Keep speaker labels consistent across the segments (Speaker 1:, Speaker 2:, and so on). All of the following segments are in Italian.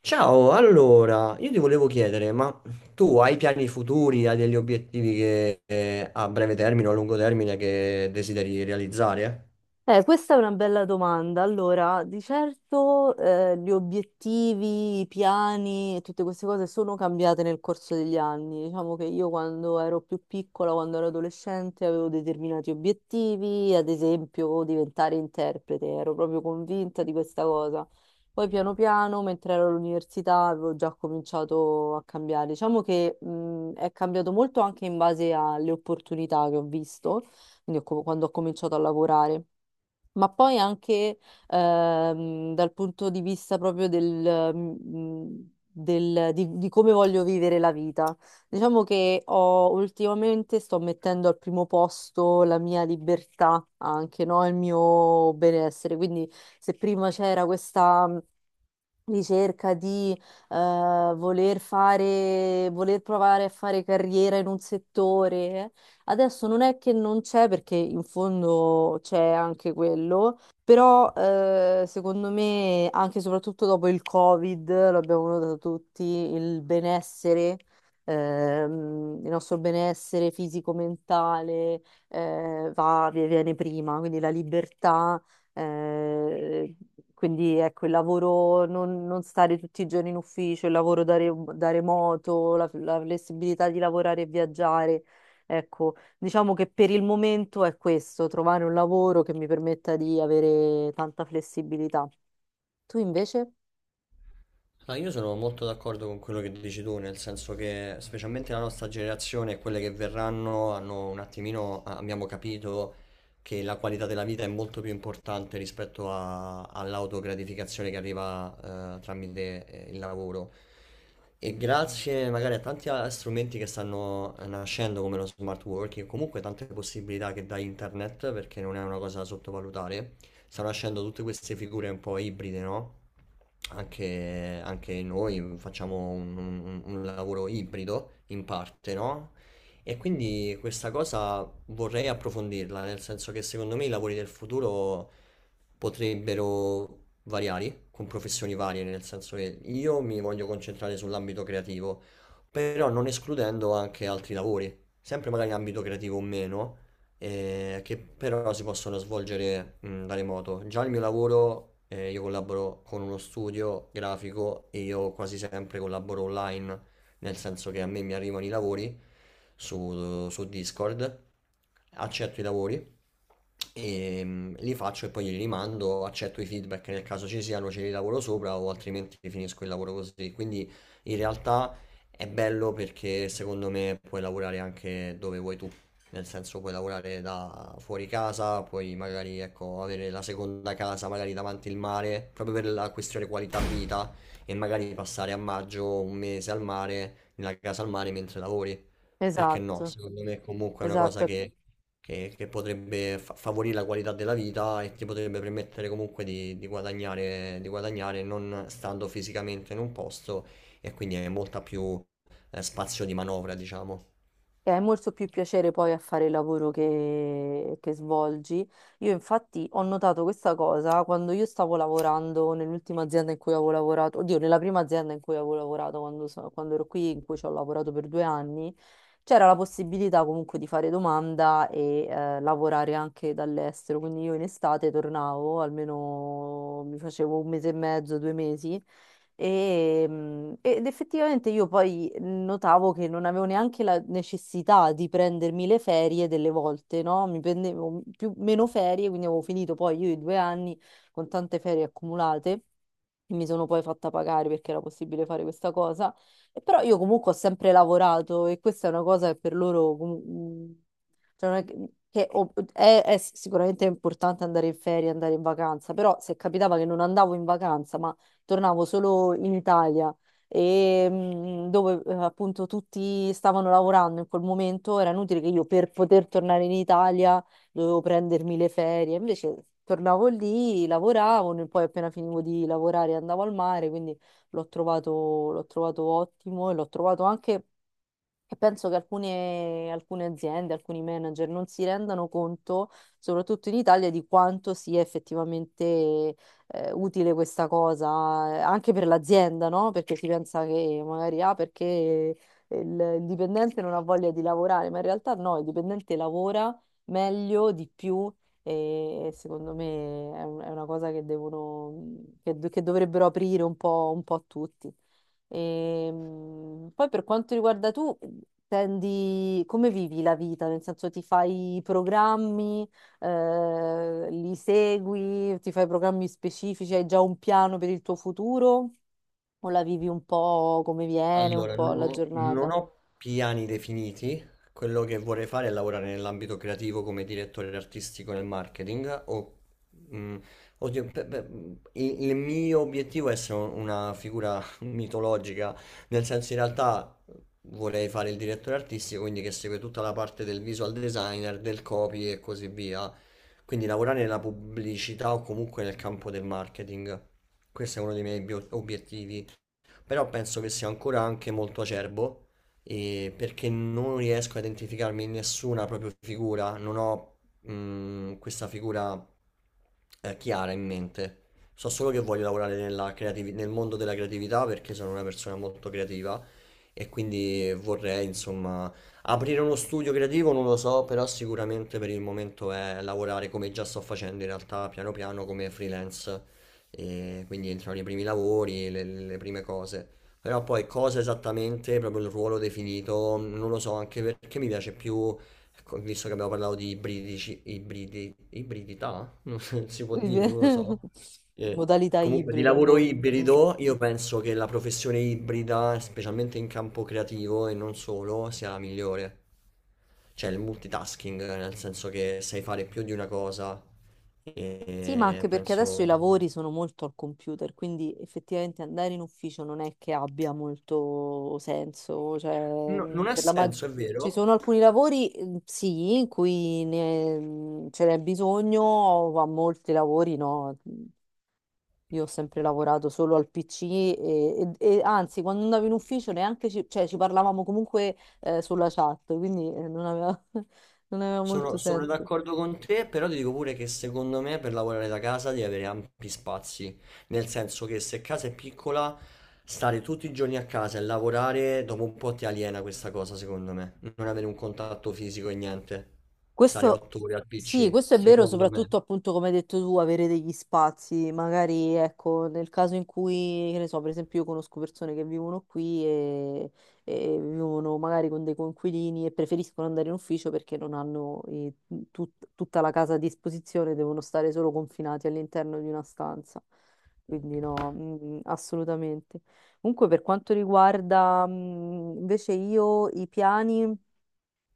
Speaker 1: Ciao, allora, io ti volevo chiedere, ma tu hai piani futuri, hai degli obiettivi che, a breve termine o a lungo termine che desideri realizzare?
Speaker 2: Questa è una bella domanda. Allora, di certo, gli obiettivi, i piani e tutte queste cose sono cambiate nel corso degli anni. Diciamo che io quando ero più piccola, quando ero adolescente, avevo determinati obiettivi, ad esempio diventare interprete, ero proprio convinta di questa cosa. Poi piano piano, mentre ero all'università, avevo già cominciato a cambiare. Diciamo che, è cambiato molto anche in base alle opportunità che ho visto, quindi quando ho cominciato a lavorare. Ma poi anche dal punto di vista proprio del, di come voglio vivere la vita. Diciamo che ultimamente sto mettendo al primo posto la mia libertà, anche no? Il mio benessere. Quindi se prima c'era questa ricerca di voler fare, voler provare a fare carriera in un settore. Adesso non è che non c'è, perché in fondo c'è anche quello, però secondo me, anche e soprattutto dopo il Covid, l'abbiamo notato tutti, il benessere. Il nostro benessere fisico-mentale viene prima, quindi la libertà eh, quindi ecco, il lavoro, non stare tutti i giorni in ufficio, il lavoro da remoto, la flessibilità di lavorare e viaggiare. Ecco, diciamo che per il momento è questo, trovare un lavoro che mi permetta di avere tanta flessibilità. Tu invece?
Speaker 1: Ah, io sono molto d'accordo con quello che dici tu, nel senso che specialmente la nostra generazione e quelle che verranno hanno un attimino, ah, abbiamo capito che la qualità della vita è molto più importante rispetto all'autogratificazione che arriva tramite il lavoro. E grazie magari a tanti strumenti che stanno nascendo come lo smart working, comunque tante possibilità che dà internet, perché non è una cosa da sottovalutare, stanno nascendo tutte queste figure un po' ibride, no? Anche, anche noi facciamo un lavoro ibrido in parte, no? E quindi questa cosa vorrei approfondirla, nel senso che secondo me i lavori del futuro potrebbero variare con professioni varie, nel senso che io mi voglio concentrare sull'ambito creativo, però non escludendo anche altri lavori, sempre magari in ambito creativo o meno, che però si possono svolgere da remoto. Già il mio lavoro, io collaboro con uno studio grafico e io quasi sempre collaboro online, nel senso che a me mi arrivano i lavori su Discord, accetto i lavori e li faccio e poi li rimando, accetto i feedback nel caso ci siano, ce li lavoro sopra o altrimenti finisco il lavoro così. Quindi in realtà... È bello perché secondo me puoi lavorare anche dove vuoi tu, nel senso puoi lavorare da fuori casa, puoi magari ecco, avere la seconda casa magari davanti il mare, proprio per la questione qualità vita e magari passare a maggio un mese al mare, nella casa al mare mentre lavori. Perché no?
Speaker 2: Esatto,
Speaker 1: Secondo me comunque è una cosa
Speaker 2: esatto.
Speaker 1: che, che potrebbe favorire la qualità della vita e ti potrebbe permettere comunque di guadagnare non stando fisicamente in un posto e quindi hai molta più spazio di manovra, diciamo.
Speaker 2: E hai molto più piacere poi a fare il lavoro che svolgi. Io infatti ho notato questa cosa quando io stavo lavorando nell'ultima azienda in cui avevo lavorato, oddio, nella prima azienda in cui avevo lavorato quando ero qui, in cui ci ho lavorato per 2 anni, c'era la possibilità comunque di fare domanda e lavorare anche dall'estero. Quindi io in estate tornavo, almeno mi facevo un mese e mezzo, 2 mesi ed effettivamente io poi notavo che non avevo neanche la necessità di prendermi le ferie delle volte, no? Mi prendevo più, meno ferie, quindi avevo finito poi io i 2 anni con tante ferie accumulate. E Mi sono poi fatta pagare perché era possibile fare questa cosa, e però io comunque ho sempre lavorato e questa è una cosa che per loro cioè non è che è sicuramente importante andare in ferie, andare in vacanza, però se capitava che non andavo in vacanza, ma tornavo solo in Italia e dove appunto tutti stavano lavorando in quel momento, era inutile che io per poter tornare in Italia dovevo prendermi le ferie. Invece tornavo lì, lavoravo, e poi appena finivo di lavorare andavo al mare, quindi l'ho trovato, l'ho trovato ottimo e l'ho trovato anche e penso che alcune aziende, alcuni manager non si rendano conto, soprattutto in Italia, di quanto sia effettivamente utile questa cosa, anche per l'azienda, no? Perché si pensa che magari ah, perché il, il dipendente non ha voglia di lavorare, ma in realtà no, il dipendente lavora meglio, di più e secondo me è una cosa che che dovrebbero aprire un po' a tutti. Poi per quanto riguarda tu, come vivi la vita? Nel senso ti fai i programmi, li segui, ti fai programmi specifici, hai già un piano per il tuo futuro o la vivi un po' come viene, un
Speaker 1: Allora,
Speaker 2: po' alla
Speaker 1: non
Speaker 2: giornata?
Speaker 1: ho piani definiti. Quello che vorrei fare è lavorare nell'ambito creativo come direttore artistico nel marketing. O, mm, oddio, il mio obiettivo è essere una figura mitologica, nel senso in realtà vorrei fare il direttore artistico, quindi che segue tutta la parte del visual designer, del copy e così via. Quindi lavorare nella pubblicità o comunque nel campo del marketing. Questo è uno dei miei obiettivi, però penso che sia ancora anche molto acerbo e perché non riesco a identificarmi in nessuna proprio figura, non ho questa figura chiara in mente. So solo che voglio lavorare nella nel mondo della creatività perché sono una persona molto creativa e quindi vorrei, insomma, aprire uno studio creativo, non lo so, però sicuramente per il momento è lavorare come già sto facendo in realtà, piano piano come freelance e quindi entrano i primi lavori, le prime cose. Però poi cosa esattamente, proprio il ruolo definito, non lo so, anche perché mi piace più, ecco, visto che abbiamo parlato di ibridici, ibridi, ibridità, non si può dire, non lo so. Eh,
Speaker 2: Modalità
Speaker 1: Comunque di
Speaker 2: ibrida,
Speaker 1: lavoro
Speaker 2: boh. Mm.
Speaker 1: ibrido, io penso che la professione ibrida, specialmente in campo creativo e non solo, sia la migliore. Cioè il multitasking, nel senso che sai fare più di una cosa
Speaker 2: Sì, ma
Speaker 1: e
Speaker 2: anche perché adesso i
Speaker 1: penso...
Speaker 2: lavori sono molto al computer, quindi effettivamente andare in ufficio non è che abbia molto senso. Cioè,
Speaker 1: No, non ha senso, è
Speaker 2: ci
Speaker 1: vero.
Speaker 2: sono alcuni lavori, sì, in cui ce n'è bisogno, ma molti lavori no. Mm. Io ho sempre lavorato solo al PC e anzi, quando andavo in ufficio neanche cioè, ci parlavamo comunque sulla chat, quindi non aveva, non aveva molto
Speaker 1: Sono, sono
Speaker 2: senso.
Speaker 1: d'accordo con te, però ti dico pure che secondo me per lavorare da casa devi avere ampi spazi. Nel senso che se casa è piccola, stare tutti i giorni a casa e lavorare, dopo un po' ti aliena questa cosa, secondo me. Non avere un contatto fisico e niente. Stare
Speaker 2: Questo,
Speaker 1: 8 ore al
Speaker 2: sì,
Speaker 1: PC,
Speaker 2: questo è vero,
Speaker 1: secondo
Speaker 2: soprattutto
Speaker 1: me.
Speaker 2: appunto come hai detto tu, avere degli spazi, magari ecco, nel caso in cui, che ne so, per esempio io conosco persone che vivono qui e vivono magari con dei coinquilini e preferiscono andare in ufficio perché non hanno tutta la casa a disposizione, devono stare solo confinati all'interno di una stanza. Quindi no, assolutamente. Comunque per quanto riguarda invece io i piani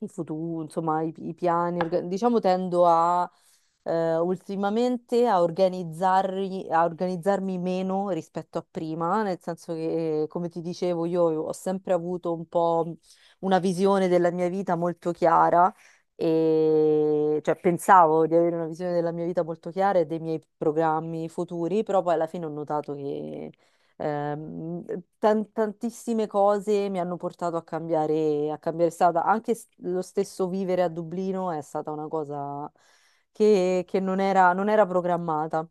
Speaker 2: il futuro, insomma, i piani, diciamo tendo a ultimamente a organizzarmi meno rispetto a prima, nel senso che, come ti dicevo, io ho sempre avuto un po' una visione della mia vita molto chiara. E cioè pensavo di avere una visione della mia vita molto chiara e dei miei programmi futuri, però poi alla fine ho notato che Ehm, tantissime cose mi hanno portato a cambiare strada. Anche lo stesso vivere a Dublino è stata una cosa che non era programmata.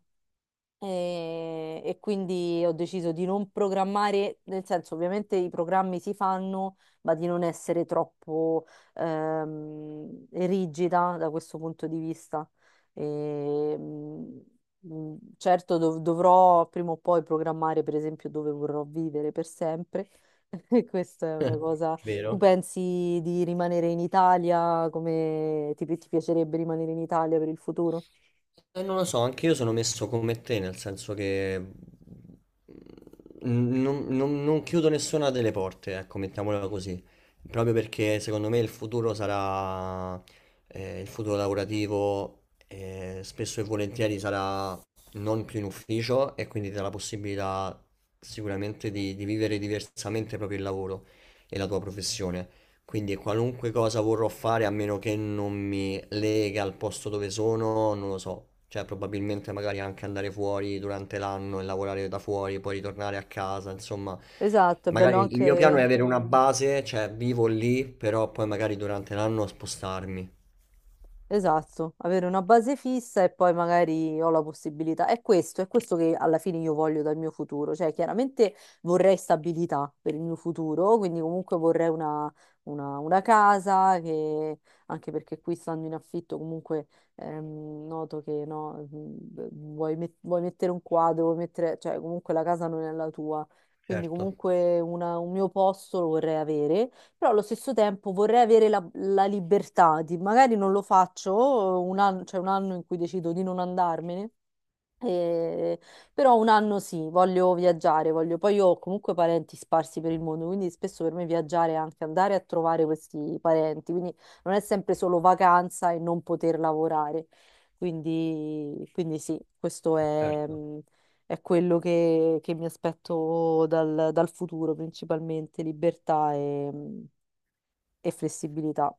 Speaker 2: E quindi ho deciso di non programmare, nel senso, ovviamente i programmi si fanno, ma di non essere troppo rigida da questo punto di vista. E certo, dovrò prima o poi programmare, per esempio, dove vorrò vivere per sempre. E questa è una cosa. Tu
Speaker 1: Vero?
Speaker 2: pensi di rimanere in Italia? Come ti piacerebbe rimanere in Italia per il futuro?
Speaker 1: Non lo so, anche io sono messo come te, nel senso che non, non chiudo nessuna delle porte, ecco, mettiamola così. Proprio perché secondo me il futuro sarà, il futuro lavorativo, spesso e volentieri sarà non più in ufficio e quindi ti dà la possibilità sicuramente di vivere diversamente proprio il lavoro e la tua professione. Quindi qualunque cosa vorrò fare, a meno che non mi lega al posto dove sono, non lo so. Cioè, probabilmente magari anche andare fuori durante l'anno e lavorare da fuori, poi ritornare a casa, insomma.
Speaker 2: Esatto, è bello
Speaker 1: Magari il mio piano è
Speaker 2: anche.
Speaker 1: avere una base, cioè vivo lì, però poi magari durante l'anno spostarmi.
Speaker 2: Esatto, avere una base fissa e poi magari ho la possibilità. È questo che alla fine io voglio dal mio futuro. Cioè, chiaramente vorrei stabilità per il mio futuro, quindi comunque vorrei una casa che, anche perché qui stando in affitto, comunque noto che no, vuoi mettere un quadro, vuoi mettere, cioè comunque la casa non è la tua. Quindi
Speaker 1: Certo,
Speaker 2: comunque un mio posto lo vorrei avere, però allo stesso tempo vorrei avere la libertà di, magari non lo faccio un anno, cioè un anno in cui decido di non andarmene, eh, però un anno sì, voglio viaggiare, voglio, poi io ho comunque parenti sparsi per il mondo, quindi spesso per me viaggiare è anche andare a trovare questi parenti, quindi non è sempre solo vacanza e non poter lavorare. Quindi sì, questo
Speaker 1: certo.
Speaker 2: è quello che mi aspetto dal futuro, principalmente libertà e flessibilità.